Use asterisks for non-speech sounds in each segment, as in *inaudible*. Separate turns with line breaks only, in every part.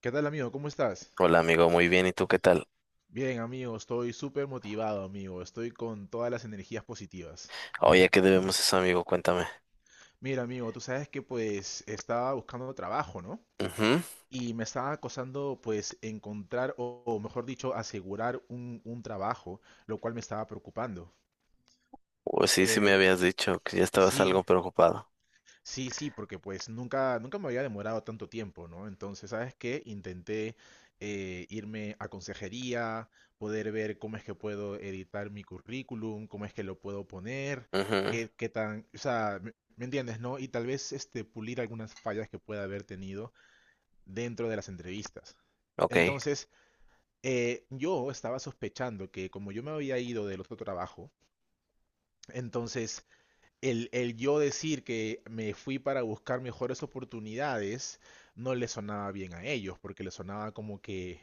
¿Qué tal, amigo? ¿Cómo estás?
Hola amigo, muy bien, ¿y tú qué tal?
Bien, amigo, estoy súper motivado, amigo. Estoy con todas las energías positivas.
Oye, ¿a qué debemos eso, amigo? Cuéntame.
Mira, amigo, tú sabes que pues estaba buscando trabajo, ¿no?
Ujú.
Y me estaba acosando pues encontrar o mejor dicho, asegurar un trabajo, lo cual me estaba preocupando.
Pues sí, sí me
Eh,
habías dicho que ya estabas
sí,
algo preocupado.
sí, sí, porque pues nunca, nunca me había demorado tanto tiempo, ¿no? Entonces, ¿sabes qué? Intenté irme a consejería, poder ver cómo es que puedo editar mi currículum, cómo es que lo puedo poner,
Ujú.
qué tan, o sea, ¿me entiendes, no? Y tal vez este, pulir algunas fallas que pueda haber tenido dentro de las entrevistas.
Ok.
Entonces, yo estaba sospechando que como yo me había ido del otro trabajo, entonces el yo decir que me fui para buscar mejores oportunidades no le sonaba bien a ellos, porque le sonaba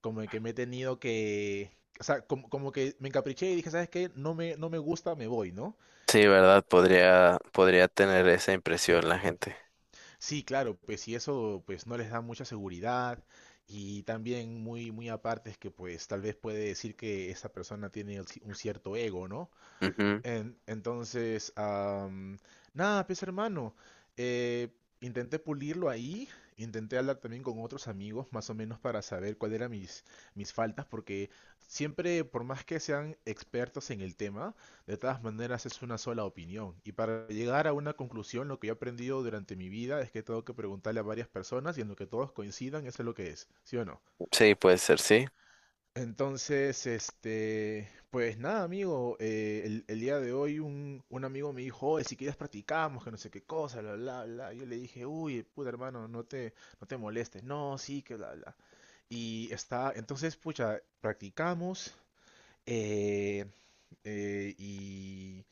como que me he tenido que, o sea, como que me encapriché y dije, ¿sabes qué? No me gusta, me voy, ¿no?
Sí, ¿verdad? Podría tener esa impresión la gente.
Sí, claro, pues si eso pues no les da mucha seguridad y también muy, muy aparte es que pues tal vez puede decir que esa persona tiene un cierto ego, ¿no?
Ujú.
Entonces, nada, pues hermano, eh, intenté pulirlo ahí, intenté hablar también con otros amigos, más o menos para saber cuáles eran mis faltas, porque siempre, por más que sean expertos en el tema, de todas maneras es una sola opinión. Y para llegar a una conclusión, lo que yo he aprendido durante mi vida es que tengo que preguntarle a varias personas y en lo que todos coincidan, eso es lo que es, ¿sí o no?
Sí, puede ser, sí.
Entonces, este, pues nada, amigo, el día de hoy un amigo me dijo, oye, si quieres practicamos, que no sé qué cosa, bla, bla, bla. Yo le dije, uy, puta hermano, no te molestes. No, sí, que bla, bla. Y está, entonces, pucha, practicamos. eh, y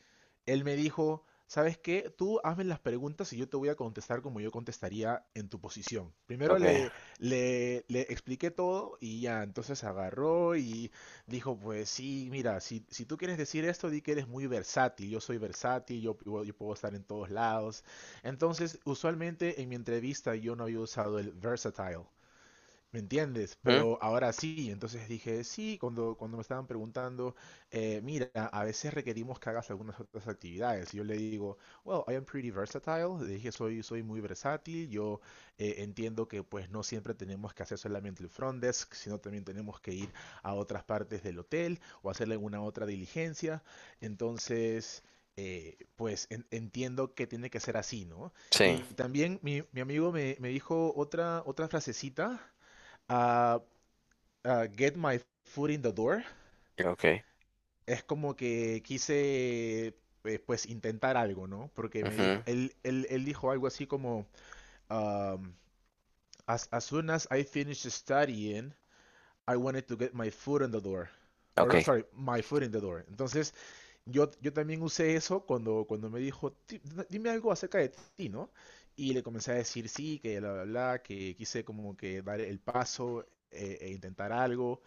él me dijo, ¿sabes qué? Tú hazme las preguntas y yo te voy a contestar como yo contestaría en tu posición. Primero
Ok.
le expliqué todo y ya, entonces agarró y dijo, pues sí, mira, si tú quieres decir esto, di que eres muy versátil, yo soy versátil, yo puedo estar en todos lados. Entonces, usualmente en mi entrevista yo no había usado el versatile. ¿Me entiendes?
Ujú.
Pero ahora sí, entonces dije, sí, cuando me estaban preguntando, mira, a veces requerimos que hagas algunas otras actividades. Y yo le digo, well, I am pretty versatile. Le dije, soy muy versátil. Yo entiendo que pues no siempre tenemos que hacer solamente el front desk, sino también tenemos que ir a otras partes del hotel o hacer alguna otra diligencia. Entonces, pues entiendo que tiene que ser así, ¿no?
Sí,
Y también mi amigo me dijo otra frasecita a, a Get My Foot in the Door,
ok.
es como que quise pues intentar algo, ¿no? Porque me dijo,
Ujú.
él dijo algo así como, um, as soon as I finish studying, I wanted to get my foot in the door. Or no,
Ok.
sorry, my foot in the door. Entonces, yo también usé eso cuando me dijo, "Dime algo acerca de ti, ¿no? Y le comencé a decir sí, que bla, bla, bla, que quise como que dar el paso e intentar algo.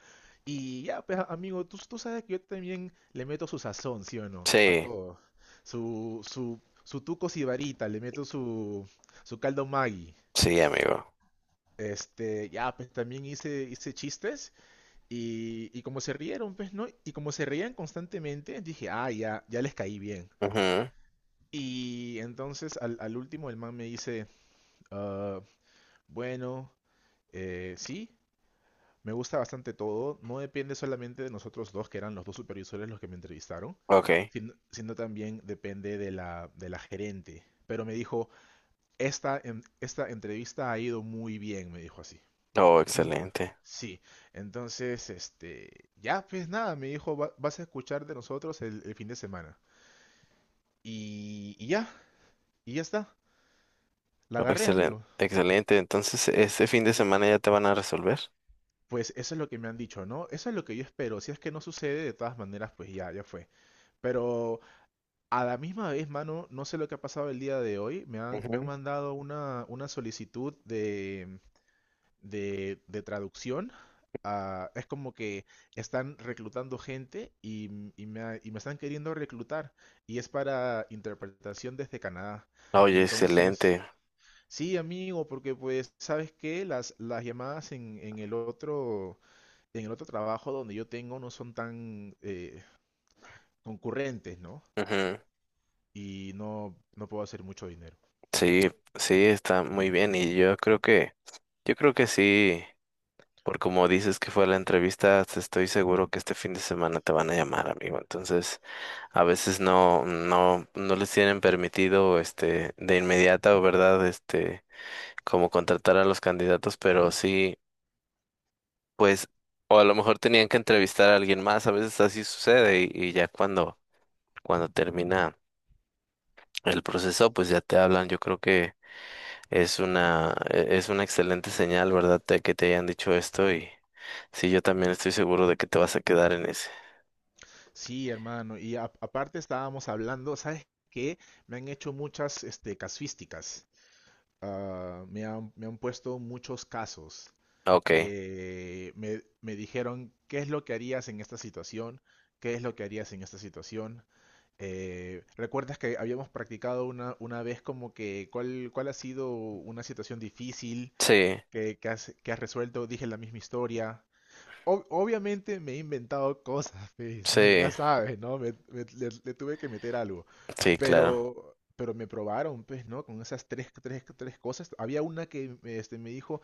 Y ya, pues amigo, tú sabes que yo también le meto su sazón, ¿sí o no? A
Sí,
todo. Su tuco sibarita, le meto su caldo Maggi.
sí, amigo.
Este, ya, pues también hice chistes y como se rieron, pues, ¿no? Y como se reían constantemente, dije, ah, ya, ya les caí bien.
Ujú.
Y entonces al último el man me dice, "Ah, bueno, sí, me gusta bastante todo, no depende solamente de nosotros dos, que eran los dos supervisores los que me entrevistaron,
Ok.
sino también depende de de la gerente. Pero me dijo, esta, esta entrevista ha ido muy bien, me dijo así.
Oh,
No me-
excelente.
Sí, entonces, este, ya, pues nada, me dijo, "Vas a escuchar de nosotros el fin de semana. Y ya, y ya está, la
Oh,
agarré,
excelente.
amigo.
Excelente. Entonces, ¿este fin de semana ya te van a resolver?
Pues eso es lo que me han dicho, ¿no? Eso es lo que yo espero. Si es que no sucede, de todas maneras, pues ya, ya fue. Pero a la misma vez, mano, no sé lo que ha pasado el día de hoy. Me han
Ujú.
mandado una solicitud de traducción. Ah, es como que están reclutando gente y me están queriendo reclutar. Y es para interpretación desde Canadá.
Oye, excelente.
Entonces, sí, amigo, porque pues, ¿sabes qué? Las llamadas en el otro trabajo donde yo tengo no son tan concurrentes, ¿no?
Ujú.
Y no, no puedo hacer mucho dinero.
Sí, sí, está muy bien y yo creo que sí, por como dices que fue la entrevista, te estoy seguro que este fin de semana te van a llamar, amigo. Entonces, a veces no les tienen permitido, este, de inmediata, o verdad, este, como contratar a los candidatos, pero sí, pues, o a lo mejor tenían que entrevistar a alguien más, a veces así sucede y ya cuando termina el proceso, pues ya te hablan, yo creo que es una, es una excelente señal, ¿verdad? Que te hayan dicho esto y sí, yo también estoy seguro de que te vas a quedar en ese.
Sí, hermano. Y aparte estábamos hablando, ¿sabes qué? Me han hecho muchas este, casuísticas. Ah, me han puesto muchos casos.
Ok,
Me dijeron, ¿qué es lo que harías en esta situación? ¿Qué es lo que harías en esta situación? ¿Recuerdas que habíamos practicado una vez como que cuál ha sido una situación difícil
sí,
que has resuelto? Dije la misma historia obviamente me he inventado cosas, *laughs* pues, ya, ya
sí,
sabes, ¿no? Le tuve que meter algo.
sí, claro.
Pero me probaron, pues, ¿no? Con esas tres cosas. Había una que este, me dijo,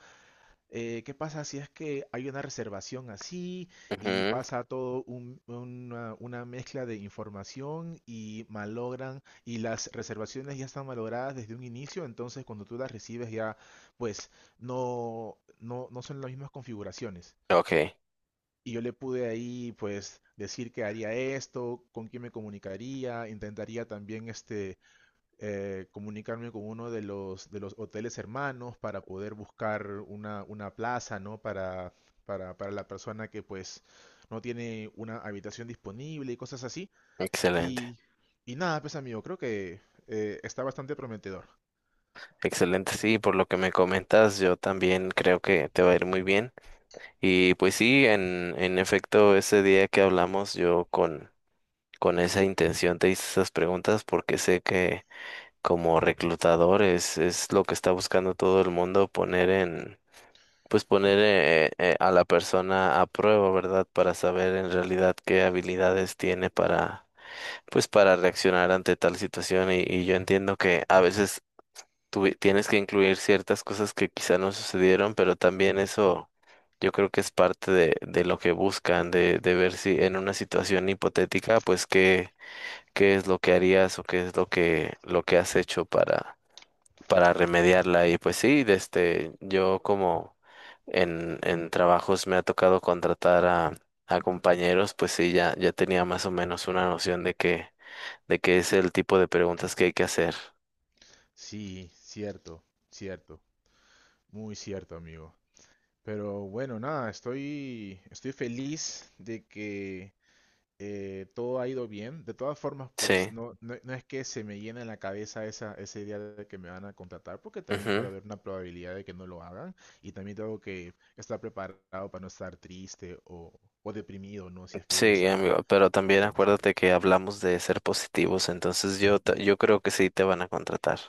¿qué pasa si es que hay una reservación así y
Ujú.
pasa todo una mezcla de información y malogran y las reservaciones ya están malogradas desde un inicio? Entonces, cuando tú las recibes ya, pues, no, no, no son las mismas configuraciones.
Ok,
Y yo le pude ahí, pues, decir que haría esto, con quién me comunicaría, intentaría también, este, comunicarme con uno de los hoteles hermanos para poder buscar una plaza, ¿no? Para la persona que, pues, no tiene una habitación disponible y cosas así.
excelente,
Y, y nada, pues, amigo, creo que está bastante prometedor.
excelente. Sí, por lo que me comentas, yo también creo que te va a ir muy bien. Y pues sí, en efecto, ese día que hablamos, yo con esa intención te hice esas preguntas porque sé que como reclutador es lo que está buscando todo el mundo poner en, pues poner a la persona a prueba, ¿verdad? Para saber en realidad qué habilidades tiene para, pues para reaccionar ante tal situación. Y yo entiendo que a veces tienes que incluir ciertas cosas que quizá no sucedieron, pero también eso yo creo que es parte de lo que buscan, de ver si en una situación hipotética, pues qué, qué es lo que harías o qué es lo que has hecho para remediarla. Y pues sí, desde yo como en trabajos me ha tocado contratar a compañeros, pues sí, ya, ya tenía más o menos una noción de que, de qué es el tipo de preguntas que hay que hacer.
Sí, cierto, cierto, muy cierto, amigo. Pero bueno, nada, estoy feliz de que todo ha ido bien. De todas formas, pues
Sí.
no, no, no es que se me llene en la cabeza esa idea de que me van a contratar, porque también puede
Ujú.
haber una probabilidad de que no lo hagan. Y también tengo que estar preparado para no estar triste o deprimido, ¿no? Si es que
Sí,
esa,
amigo, pero también
esa decisión.
acuérdate que hablamos de ser positivos, entonces yo, yo creo que sí te van a contratar.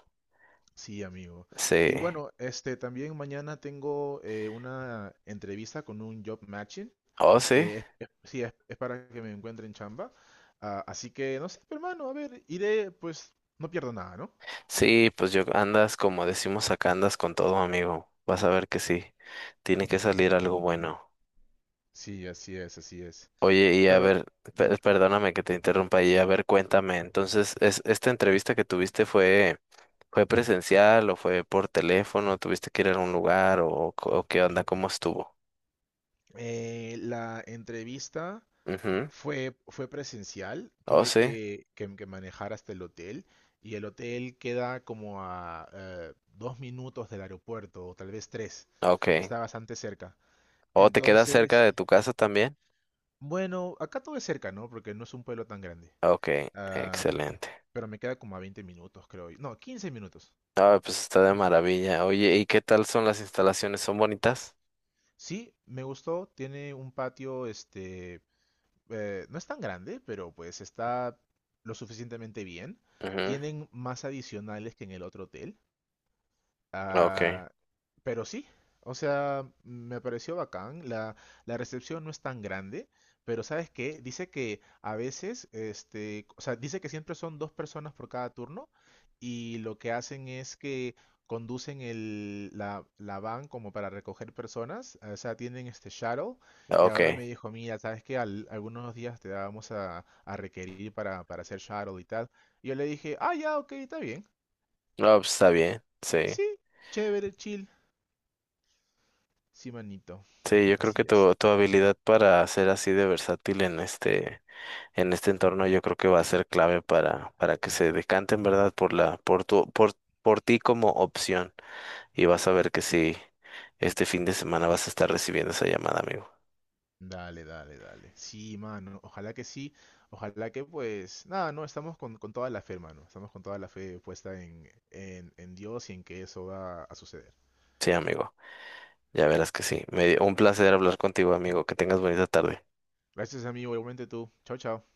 Sí, amigo.
Sí.
Y bueno, este también mañana tengo una entrevista con un job matching.
Oh, sí.
Que sí, es para que me encuentren chamba. Ah, así que, no sé, pero, hermano, a ver, iré, pues, no pierdo nada, ¿no?
Sí, pues yo andas como decimos acá, andas con todo, amigo. Vas a ver que sí. Tiene que salir algo bueno.
Sí, así es, así es.
Oye, y a
Pero,
ver,
dime,
perdóname que te interrumpa, y a ver, cuéntame, entonces, es, ¿esta entrevista que tuviste fue, fue presencial o fue por teléfono? ¿Tuviste que ir a un lugar o, o qué onda? ¿Cómo estuvo?
la entrevista
Ujú.
fue presencial,
Oh,
tuve
sí,
que manejar hasta el hotel y el hotel queda como a dos minutos del aeropuerto, o tal vez tres,
ok.
está bastante cerca.
¿O te quedas cerca de
Entonces,
tu casa también?
bueno, acá todo es cerca, ¿no? Porque no es un pueblo tan grande.
Ok,
Ah,
excelente.
pero me queda como a 20 minutos, creo. No, 15 minutos.
Ah, pues está de
15.
maravilla. Oye, ¿y qué tal son las instalaciones? ¿Son bonitas?
Sí, me gustó. Tiene un patio, este, no es tan grande, pero pues está lo suficientemente bien.
Ujú.
Tienen más adicionales que en el otro hotel.
Ok,
Ah, pero sí, o sea, me pareció bacán. La recepción no es tan grande, pero ¿sabes qué? Dice que a veces, este, o sea, dice que siempre son dos personas por cada turno y lo que hacen es que conducen la van como para recoger personas, o sea, tienen este shuttle y ahora me
ok.
dijo, mira, ¿sabes qué? Algunos días te vamos a requerir para hacer shuttle y tal. Y yo le dije, ah, ya, ok, está bien.
No, pues está bien, sí.
Sí, chévere, chill. Sí, manito,
Sí, yo creo que
así es.
tu habilidad para ser así de versátil en este entorno, yo creo que va a ser clave para que se decanten, ¿verdad? Por la, por tu, por ti como opción. Y vas a ver que sí, este fin de semana vas a estar recibiendo esa llamada, amigo.
Dale, dale, dale. Sí, mano, ojalá que sí, ojalá que pues, nada, no, estamos con toda la fe, mano, estamos con toda la fe puesta en Dios y en que eso va a suceder.
Sí, amigo. Ya verás que sí. Me, un placer hablar contigo, amigo. Que tengas bonita tarde.
Gracias, amigo, igualmente tú. Chao, chao.